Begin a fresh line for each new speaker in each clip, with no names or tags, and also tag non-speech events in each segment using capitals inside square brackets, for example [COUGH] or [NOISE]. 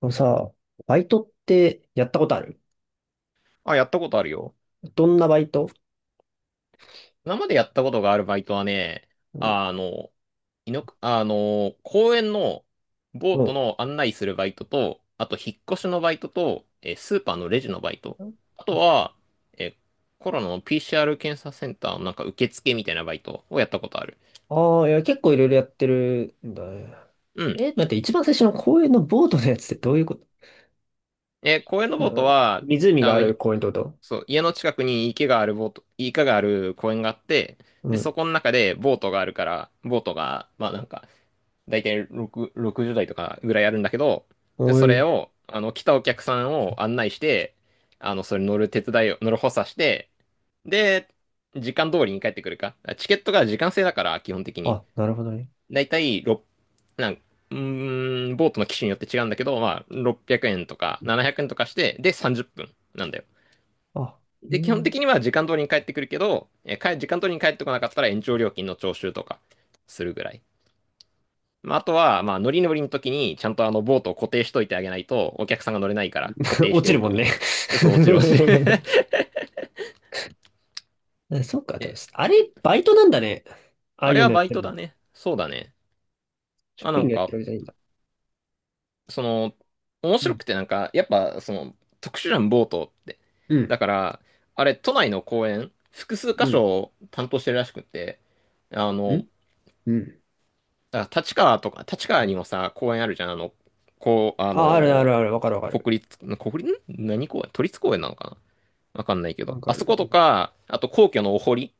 あのさ、バイトってやったことある？
あ、やったことあるよ。
どんなバイト？
今までやったことがあるバイトはね、
うん。
あの、いの、あの、公園のボ
う
ート
ん。
の案内するバイトと、あと引っ越しのバイトと、スーパーのレジのバイト。あとは、えーコロナの PCR 検査センターのなんか受付みたいなバイトをやったことある。
ああー、いや、結構いろいろやってるんだね。
うん。
え、待って、一番最初の公園のボートのやつってどういうこと？
公園の
あ
ボート
の
は、
湖
あ
があ
の、
る
い
公園ってこと？
そう、家の近くに池がある公園があって、
う
で、そ
ん。
この中でボートがあるから、ボートが、まあなんか、大体6、60代とかぐらいあるんだけど、で、
お
それ
い。
を、あの、来たお客さんを案内して、あの、それ乗る手伝いを、乗る補佐して、で、時間通りに帰ってくるか。チケットが時間制だから、基本的に。
あ、なるほどね。
だいたいろくなんうーん、ボートの機種によって違うんだけど、まあ、600円とか700円とかして、で、30分なんだよ。
あ、う
で、基本
ん。
的には時間通りに帰ってくるけど、時間通りに帰ってこなかったら延長料金の徴収とかするぐらい。まあ、あとは、まあ、乗りの時に、ちゃんとあの、ボートを固定しといてあげないと、お客さんが乗れないから、固
[LAUGHS]
定
落
して
ちる
お
も
く
ん
み
ね
たいな。嘘、
[LAUGHS]
落ちる落ちる。 [LAUGHS]
え、そっか、でも
え、
あれ、バイトなんだね。ああ
あ
い
れ
う
は
のやっ
バイ
てる
トだ
の？
ね。そうだね。あ、
職
な
員
ん
がやって
か、
るわけじゃないんだ。
その、面
う
白
ん。
くてなんか、やっぱ、その、特殊じゃん、ボートって。
うん。
だから、あれ、都内の公園、複数
う
箇所
ん。
を担当してるらしくって、あ
うん。
の、
うん。
立川とか、立川にもさ、公園あるじゃん、あの、こう、あ
あ、あるねあ
の、
るある。わかるわかる。
国立、何公園都立公園なのかな、わかんないけど。
わ
あ
か
そ
る。
ことか、あと皇居のお堀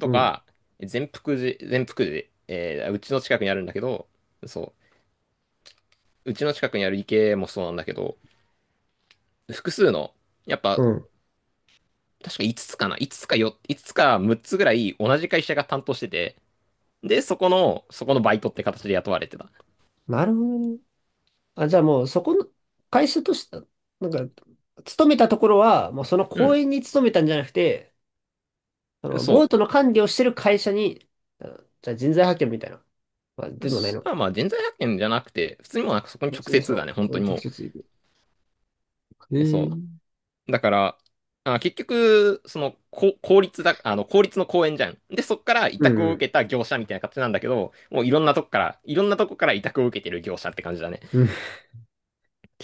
と
うん。
か、善福寺、うちの近くにあるんだけど、そう、うちの近くにある池もそうなんだけど、複数の、やっ
う
ぱ、
ん。
確か5つつかな ?5 つつかよ、5つつか6つぐらい同じ会社が担当してて、で、そこのバイトって形で雇われてた。
なるほどね。あ、じゃあもうそこの会社として、なんか、勤めたところは、もうその
う
公
ん、
園に勤めたんじゃなくて、そのボー
そ
トの管理をしてる会社に、あのじゃあ人材派遣みたいな。まあ、
う。
でもないのか。
まあ、人材派遣じゃなくて、普通にもうなんかそこに直
別に
接
そ
だね、
う、
本
そうい
当
う
に
直
も
接行く。え
う。そ
え。
う、だから、あ、結局、その、こ公立だ、あの、公立の公園じゃん。で、そっから委
う
託
ん
を
う
受
ん。
けた業者みたいな形なんだけど、もういろんなとこから委託を受けてる業者って感じだね。
うん。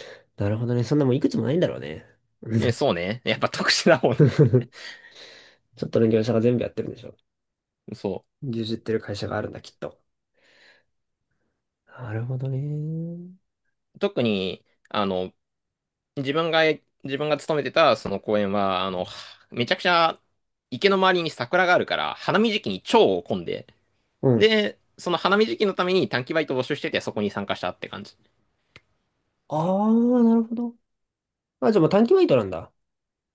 [LAUGHS] なるほどね。そんなもういくつもないんだろうね。う
ね、
ん。
そうね。やっぱ特殊だもんね。
[LAUGHS] ちょっとの業者が全部やってるんでしょ。
[LAUGHS] そ
牛耳ってる会社があるんだ、きっと。なるほどね。
う。特に、あの、自分が、自分が勤めてたその公園は、あの、めちゃくちゃ池の周りに桜があるから、花見時期に蝶を混んで、
うん。
で、その花見時期のために短期バイトを募集してて、そこに参加したって感じ。
ああ、なるほど。あ、じゃあもう短期バイトなんだ。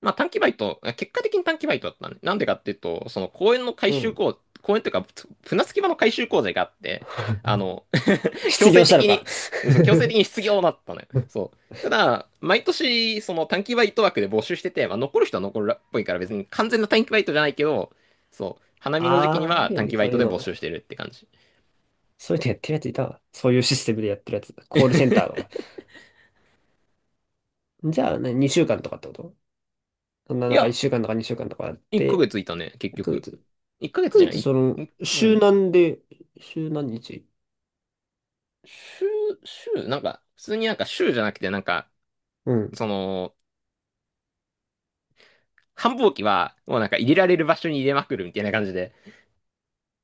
まあ短期バイト、結果的に短期バイトだったね。なんでかっていうと、その公園の改
う
修
ん。
工、公園というか、船着き場の改修工事があって、あの、[LAUGHS]
失
強
業
制
したの
的
か。
に、そう、強制的
[LAUGHS]
に失業になったのよ。そう。ただ、毎年、その短期バイト枠で募集してて、まあ残る人は残るっぽいから別に完全な短期バイトじゃないけど、そう、花見の時期に
ああ、あ
は
るよ
短
ね、
期バ
そ
イ
う
ト
いう
で
の。
募集してるって感じ。
そういうのやってるやついたわ。そういうシステムでやってるやつ。コールセンターと
[LAUGHS]
か。じゃあ、ね、2週間とかってこと？そんな、
い
なんか
や、
1週間とか2週間とかあっ
1
て、
ヶ月いたね、結
1ヶ月。
局。1ヶ月じ
1
ゃな
月、
い、
その、
う
週
ん。
何で、週何日？
週、なんか、普通になんか週じゃなくて、なんか、
うん。
その、繁忙期は、もうなんか入れられる場所に入れまくるみたいな感じで、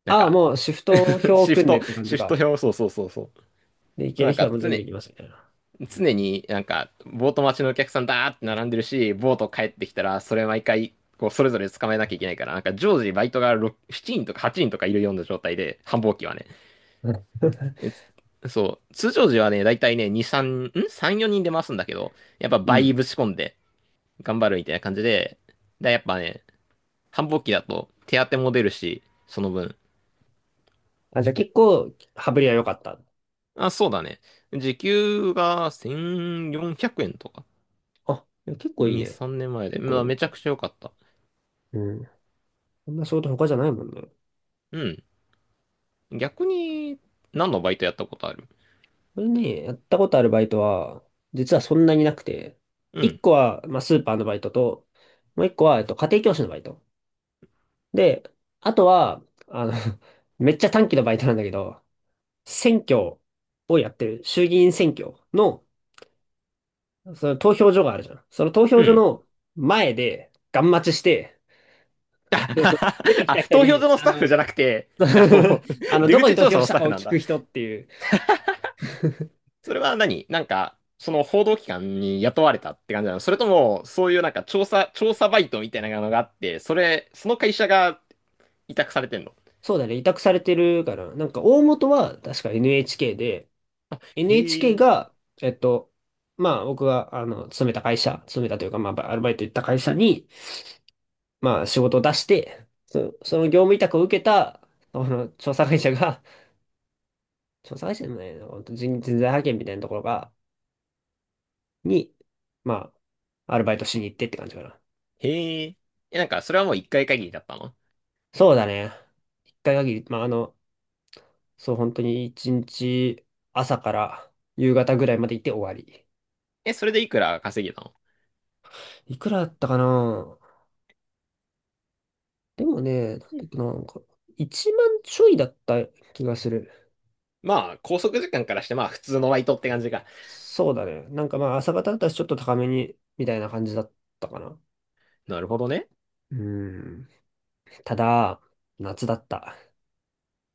なん
ああ、
か、
もうシフト表
[LAUGHS]
を組んでって感じ
シフト
か。
表、そうそうそうそ
で、行
う。
ける日はもう全部行きますみたいな。
常になんか、ボート待ちのお客さんだーって並んでるし、ボート帰ってきたら、それ毎回、こう、それぞれ捕まえなきゃいけないから、なんか常時バイトが6 7人とか8人とかいるような状態で、繁忙期はね。
うん
えつそう、通常時はね、だいたいね、2、3、ん ?3、4人で回すんだけど、やっぱ
う
倍
ん。
ぶち込んで頑張るみたいな感じで、やっぱね、繁忙期だと手当も出るし、その分。
あ、じゃあ結構、羽振りは良かった。
あ、そうだね。時給が1400円とか。
あ、いや結構いい
2、
ね。
3年前で。
結構
ま
良
あ、
かっ
めちゃ
た。
くちゃ良かった。
うん。こんな仕事他じゃないもんね。
うん。逆に、何のバイトやったことある？
それね、やったことあるバイトは、実はそんなになくて、
う
一
ん。
個は、まあ、スーパーのバイトと、もう一個は、家庭教師のバイト。で、あとは、あの [LAUGHS] めっちゃ短期のバイトなんだけど、選挙をやってる、衆議院選挙の、その投票所があるじゃん。その投
う
票所
ん。
の前で、ガン待ちして、[LAUGHS] 出て
[LAUGHS]
き
あ、
た人
投票
に、
所のスタッフじゃなくて、あ
[LAUGHS]
の、[LAUGHS] 出
どこに
口
投
調査
票し
のス
た
タッ
か
フ
を
なん
聞く
だ。
人っていう。
それはなんか、その報道機関に雇われたって感じなの、それとも、そういうなんか調査バイトみたいなのがあって、それ、その会社が委託されてんの？
そうだね、委託されてるから、なんか大元は確か NHK で、
へ
NHK
え。
が、えっと、まあ僕が、勤めた会社、勤めたというか、まあアルバイト行った会社に、まあ仕事を出して、その業務委託を受けた、その調査会社が、[LAUGHS] 調査会社でもないの、本当人、人材派遣みたいなところが、に、まあ、アルバイトしに行ってって感じかな。
へえ。え、なんか、それはもう一回限りだったの？
そうだね。一回限り、まあそう本当に一日朝から夕方ぐらいまで行って終わり。
え、それでいくら稼げたの？
いくらだったかな？でもね、なんだっけな、なんか、1万ちょいだった気がする。
まあ、拘束時間からして、まあ、普通のバイトって感じか。
そうだね。なんかまあ、朝方だったらちょっと高めに、みたいな感じだったかな。
なるほどね。
うん。ただ、夏だった。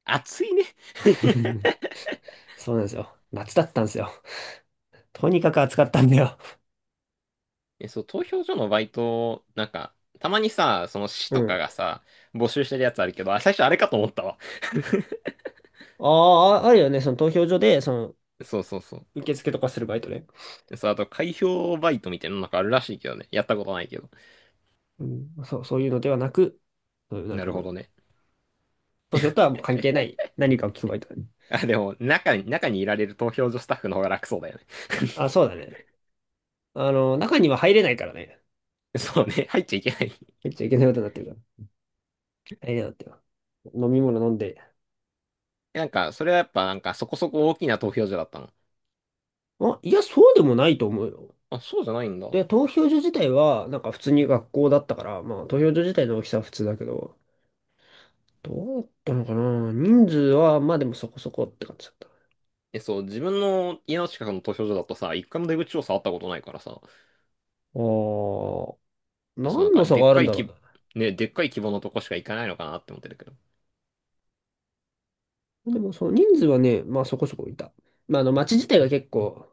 熱いね。
[LAUGHS]
[LAUGHS]
そうなんですよ。夏だったんですよ。とにかく暑かったんだよ。
え、そう、投票所のバイト、なんか、たまにさ、その市
う
とか
ん。
がさ、募集してるやつあるけど、あ、最初あれかと思ったわ。
ああ、あるよね。その投票所で、その、
そうそうそう。
受付とかするバイトね。
で、そう、あと、開票バイトみたいなのなんかあるらしいけどね。やったことないけど。
うん。そう、そういうのではなく、そういうなん
な
か
る
も
ほど
う、
ね。
投票とはもう関係ない何かを聞くバイトだね。
あ、でも、中にいられる投票所スタッフの方が楽そうだよね。
あ、そうだね。中には入れないからね。
[LAUGHS] そうね、入っちゃいけない。
入っちゃいけないことになってるから。あれだよってよ。飲み物飲んで。
なんか、それはやっぱなんかそこそこ大きな投票所だったの？
まあ、いや、そうでもないと思うよ。
あ、そうじゃないんだ。
で、投票所自体は、なんか普通に学校だったから、まあ投票所自体の大きさは普通だけど、どうだったのかな人数は、まあでもそこそこって感じだった。あ
え、そう、自分の家の近くの投票所だとさ、一回も出口を触ったことないからさ、
ー、
そうなん
何
か、
の差
で
が
っ
ある
か
ん
い
だろう
規
な。
ね、でっかい規模のとこしか行かないのかなって思ってるけど。
でもその人数はね、まあそこそこいた。まああの街自体が結構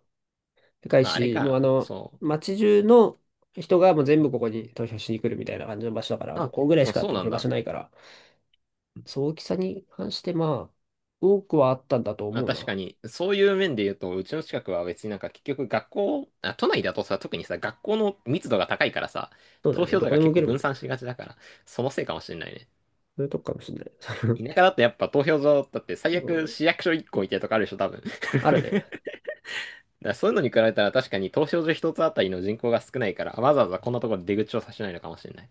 でかい
まあ、あれ
し、もう
か、そう。
街中の人がもう全部ここに投票しに来るみたいな感じの場所だから、もう
あ、
ここぐらい
ま
し
あ、
か
そう
投
な
票
ん
場所
だ。
ないから、そう、大きさに関して、まあ、多くはあったんだと
まあ、
思う
確
な。
かに、そういう面で言うと、うちの近くは別になんか結局学校、あ、都内だとさ、特にさ、学校の密度が高いからさ、
そうだ
投
ね。
票
ど
所
こ
が
でも
結
受け
構
るもん
分
ね。
散しがちだから、そのせいかもしれないね。
そういうとこかもしんない。[LAUGHS]
田舎だとやっぱ投票所だって最
う
悪
ん。
市役所1個みたいなとこあるでしょ、多分。[LAUGHS] だ
あるね。
からそういうのに比べたら確かに投票所1つあたりの人口が少ないから、わざわざこんなところで出口をさせないのかもしれない。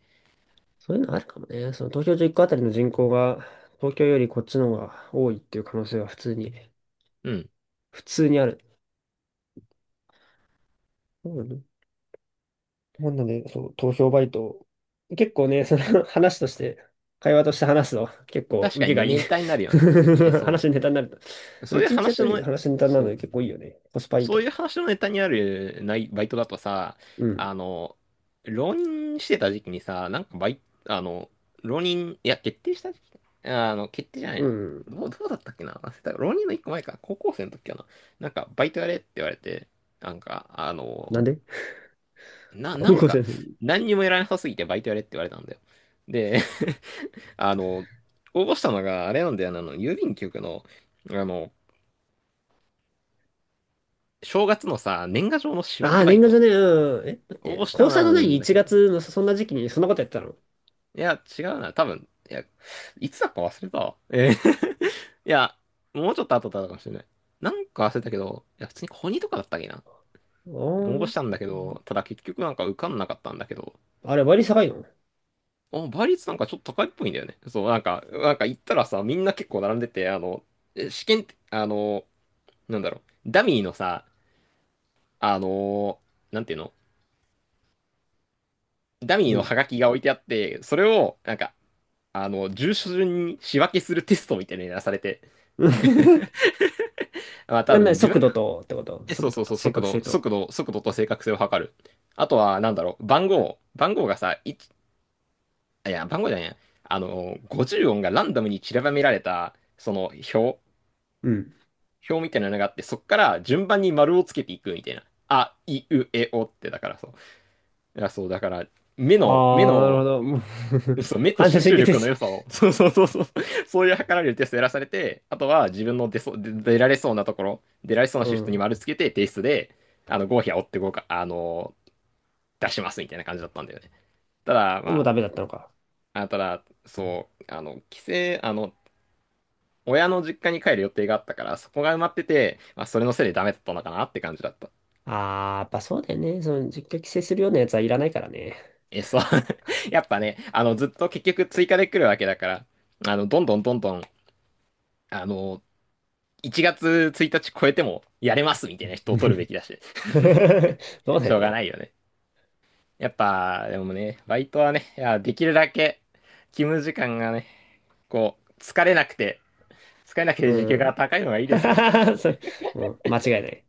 そういうのあるかもね。その東京1個あたりの人口が、東京よりこっちの方が多いっていう可能性は普通に、
うん。
普通にある。そうだね。なんだね、そう、投票バイト。結構ね、その [LAUGHS] 話として、会話として話すの、結構
確
受
か
け
に
が
ね、
いいね。
年単になるよね。え、
[LAUGHS]
そ
話のネタになる
う。
と。
そういう
一日やった
話
だけで
の、
話のネタになる
そ
の
う。
結構いいよね。コスパいい
そ
と。
ういう話のネタにあるないバイトだとさ、
うん。
あの、浪人してた時期にさ、なんかバイ、あの、浪人、いや、決定した時期、あの、決定じゃな
う
いな。
ん。
どうだったっけな、忘れた。浪人の一個前か。高校生の時かな。なんか、バイトやれって言われて、なんか、あの、
なんで？ [LAUGHS]
な
高
ん
校生
か、
です。
何にもやらなさすぎてバイトやれって言われたんだよ。で、[LAUGHS] あの、応募したのが、あれなんだよな、あの、郵便局の、あの、正月のさ、年賀状の仕分
ああ、
けバ
年
イ
賀状
ト。
ね、うん。え、だっ
応募
て、
した
高3の何？
んだ
1
けど、
月のそんな時期にそんなことやってたの？
いや、違うな。多分、いや、いつだか忘れたわ。[LAUGHS] いや、もうちょっと後だったかもしれない。なんか忘れたけど、いや、普通にコニーとかだったっけな。
ああ
応募
ね。
したんだけ
うん。
ど、ただ結局なんか受かんなかったんだけど、
あれ、割り下がいの？
あ、倍率なんかちょっと高いっぽいんだよね。そう、なんか、なんか行ったらさ、みんな結構並んでて、あの、試験って、あの、なんだろう、ダミーのさ、あの、なんていうのダミ
う
ーのハ
ん。
ガキが置いてあって、それを、なんか、あの、住所順に仕分けするテストみたいなのやらされて、
[LAUGHS]
まあ多
やんな
分
い、
自
速
分
度と、ってこと
え、そ
速
う
度
そう
と
そう、
正確性と。
速度と正確性を測る。あとは、なんだろう、番号がさ、いち、あいや、番号じゃないや。あの、50音がランダムに散らばめられた、表、
うん。
表みたいなのがあって、そっから順番に丸をつけていくみたいな。あ、い、う、え、おって、だからそう。いや、そう、だから、目
ああ、なるほ
の、
ど。もう
そう、目
[LAUGHS]
と
反射
集
神
中
経で
力の良
す。
さを、[LAUGHS] そうそうそうそう、そういう測られるテストやらされて、あとは自分の出そう、出出られそうなところ、出られそうな
う
シフトに
ん。
丸つけて、提出で、あの、合否は追ってこうか、あの出しますみたいな感じだったんだよね。ただ、
でも
ま
ダメだったのか。
あ、ただ、そう、あの、親の実家に帰る予定があったから、そこが埋まってて、まあ、それのせいでダメだったのかなって感じだった。
ああ、やっぱそうだよね。その、実況規制するようなやつはいらないからね。
え、そう。[LAUGHS] やっぱね、あの、ずっと結局追加で来るわけだから、あの、どんどんどんどん、あの、1月1日超えてもやれますみたいな人を取るべき
[LAUGHS]
だし、
そう
[LAUGHS] し
だよ
ょうが
ね。
ないよね。やっぱ、でもね、バイトはね、いや、できるだけ勤務時間がね、こう、疲れなくて、使えなき
う
ゃ時給が
ん。
高いのがいいですよ。
[LAUGHS] それ、うん、間違いない。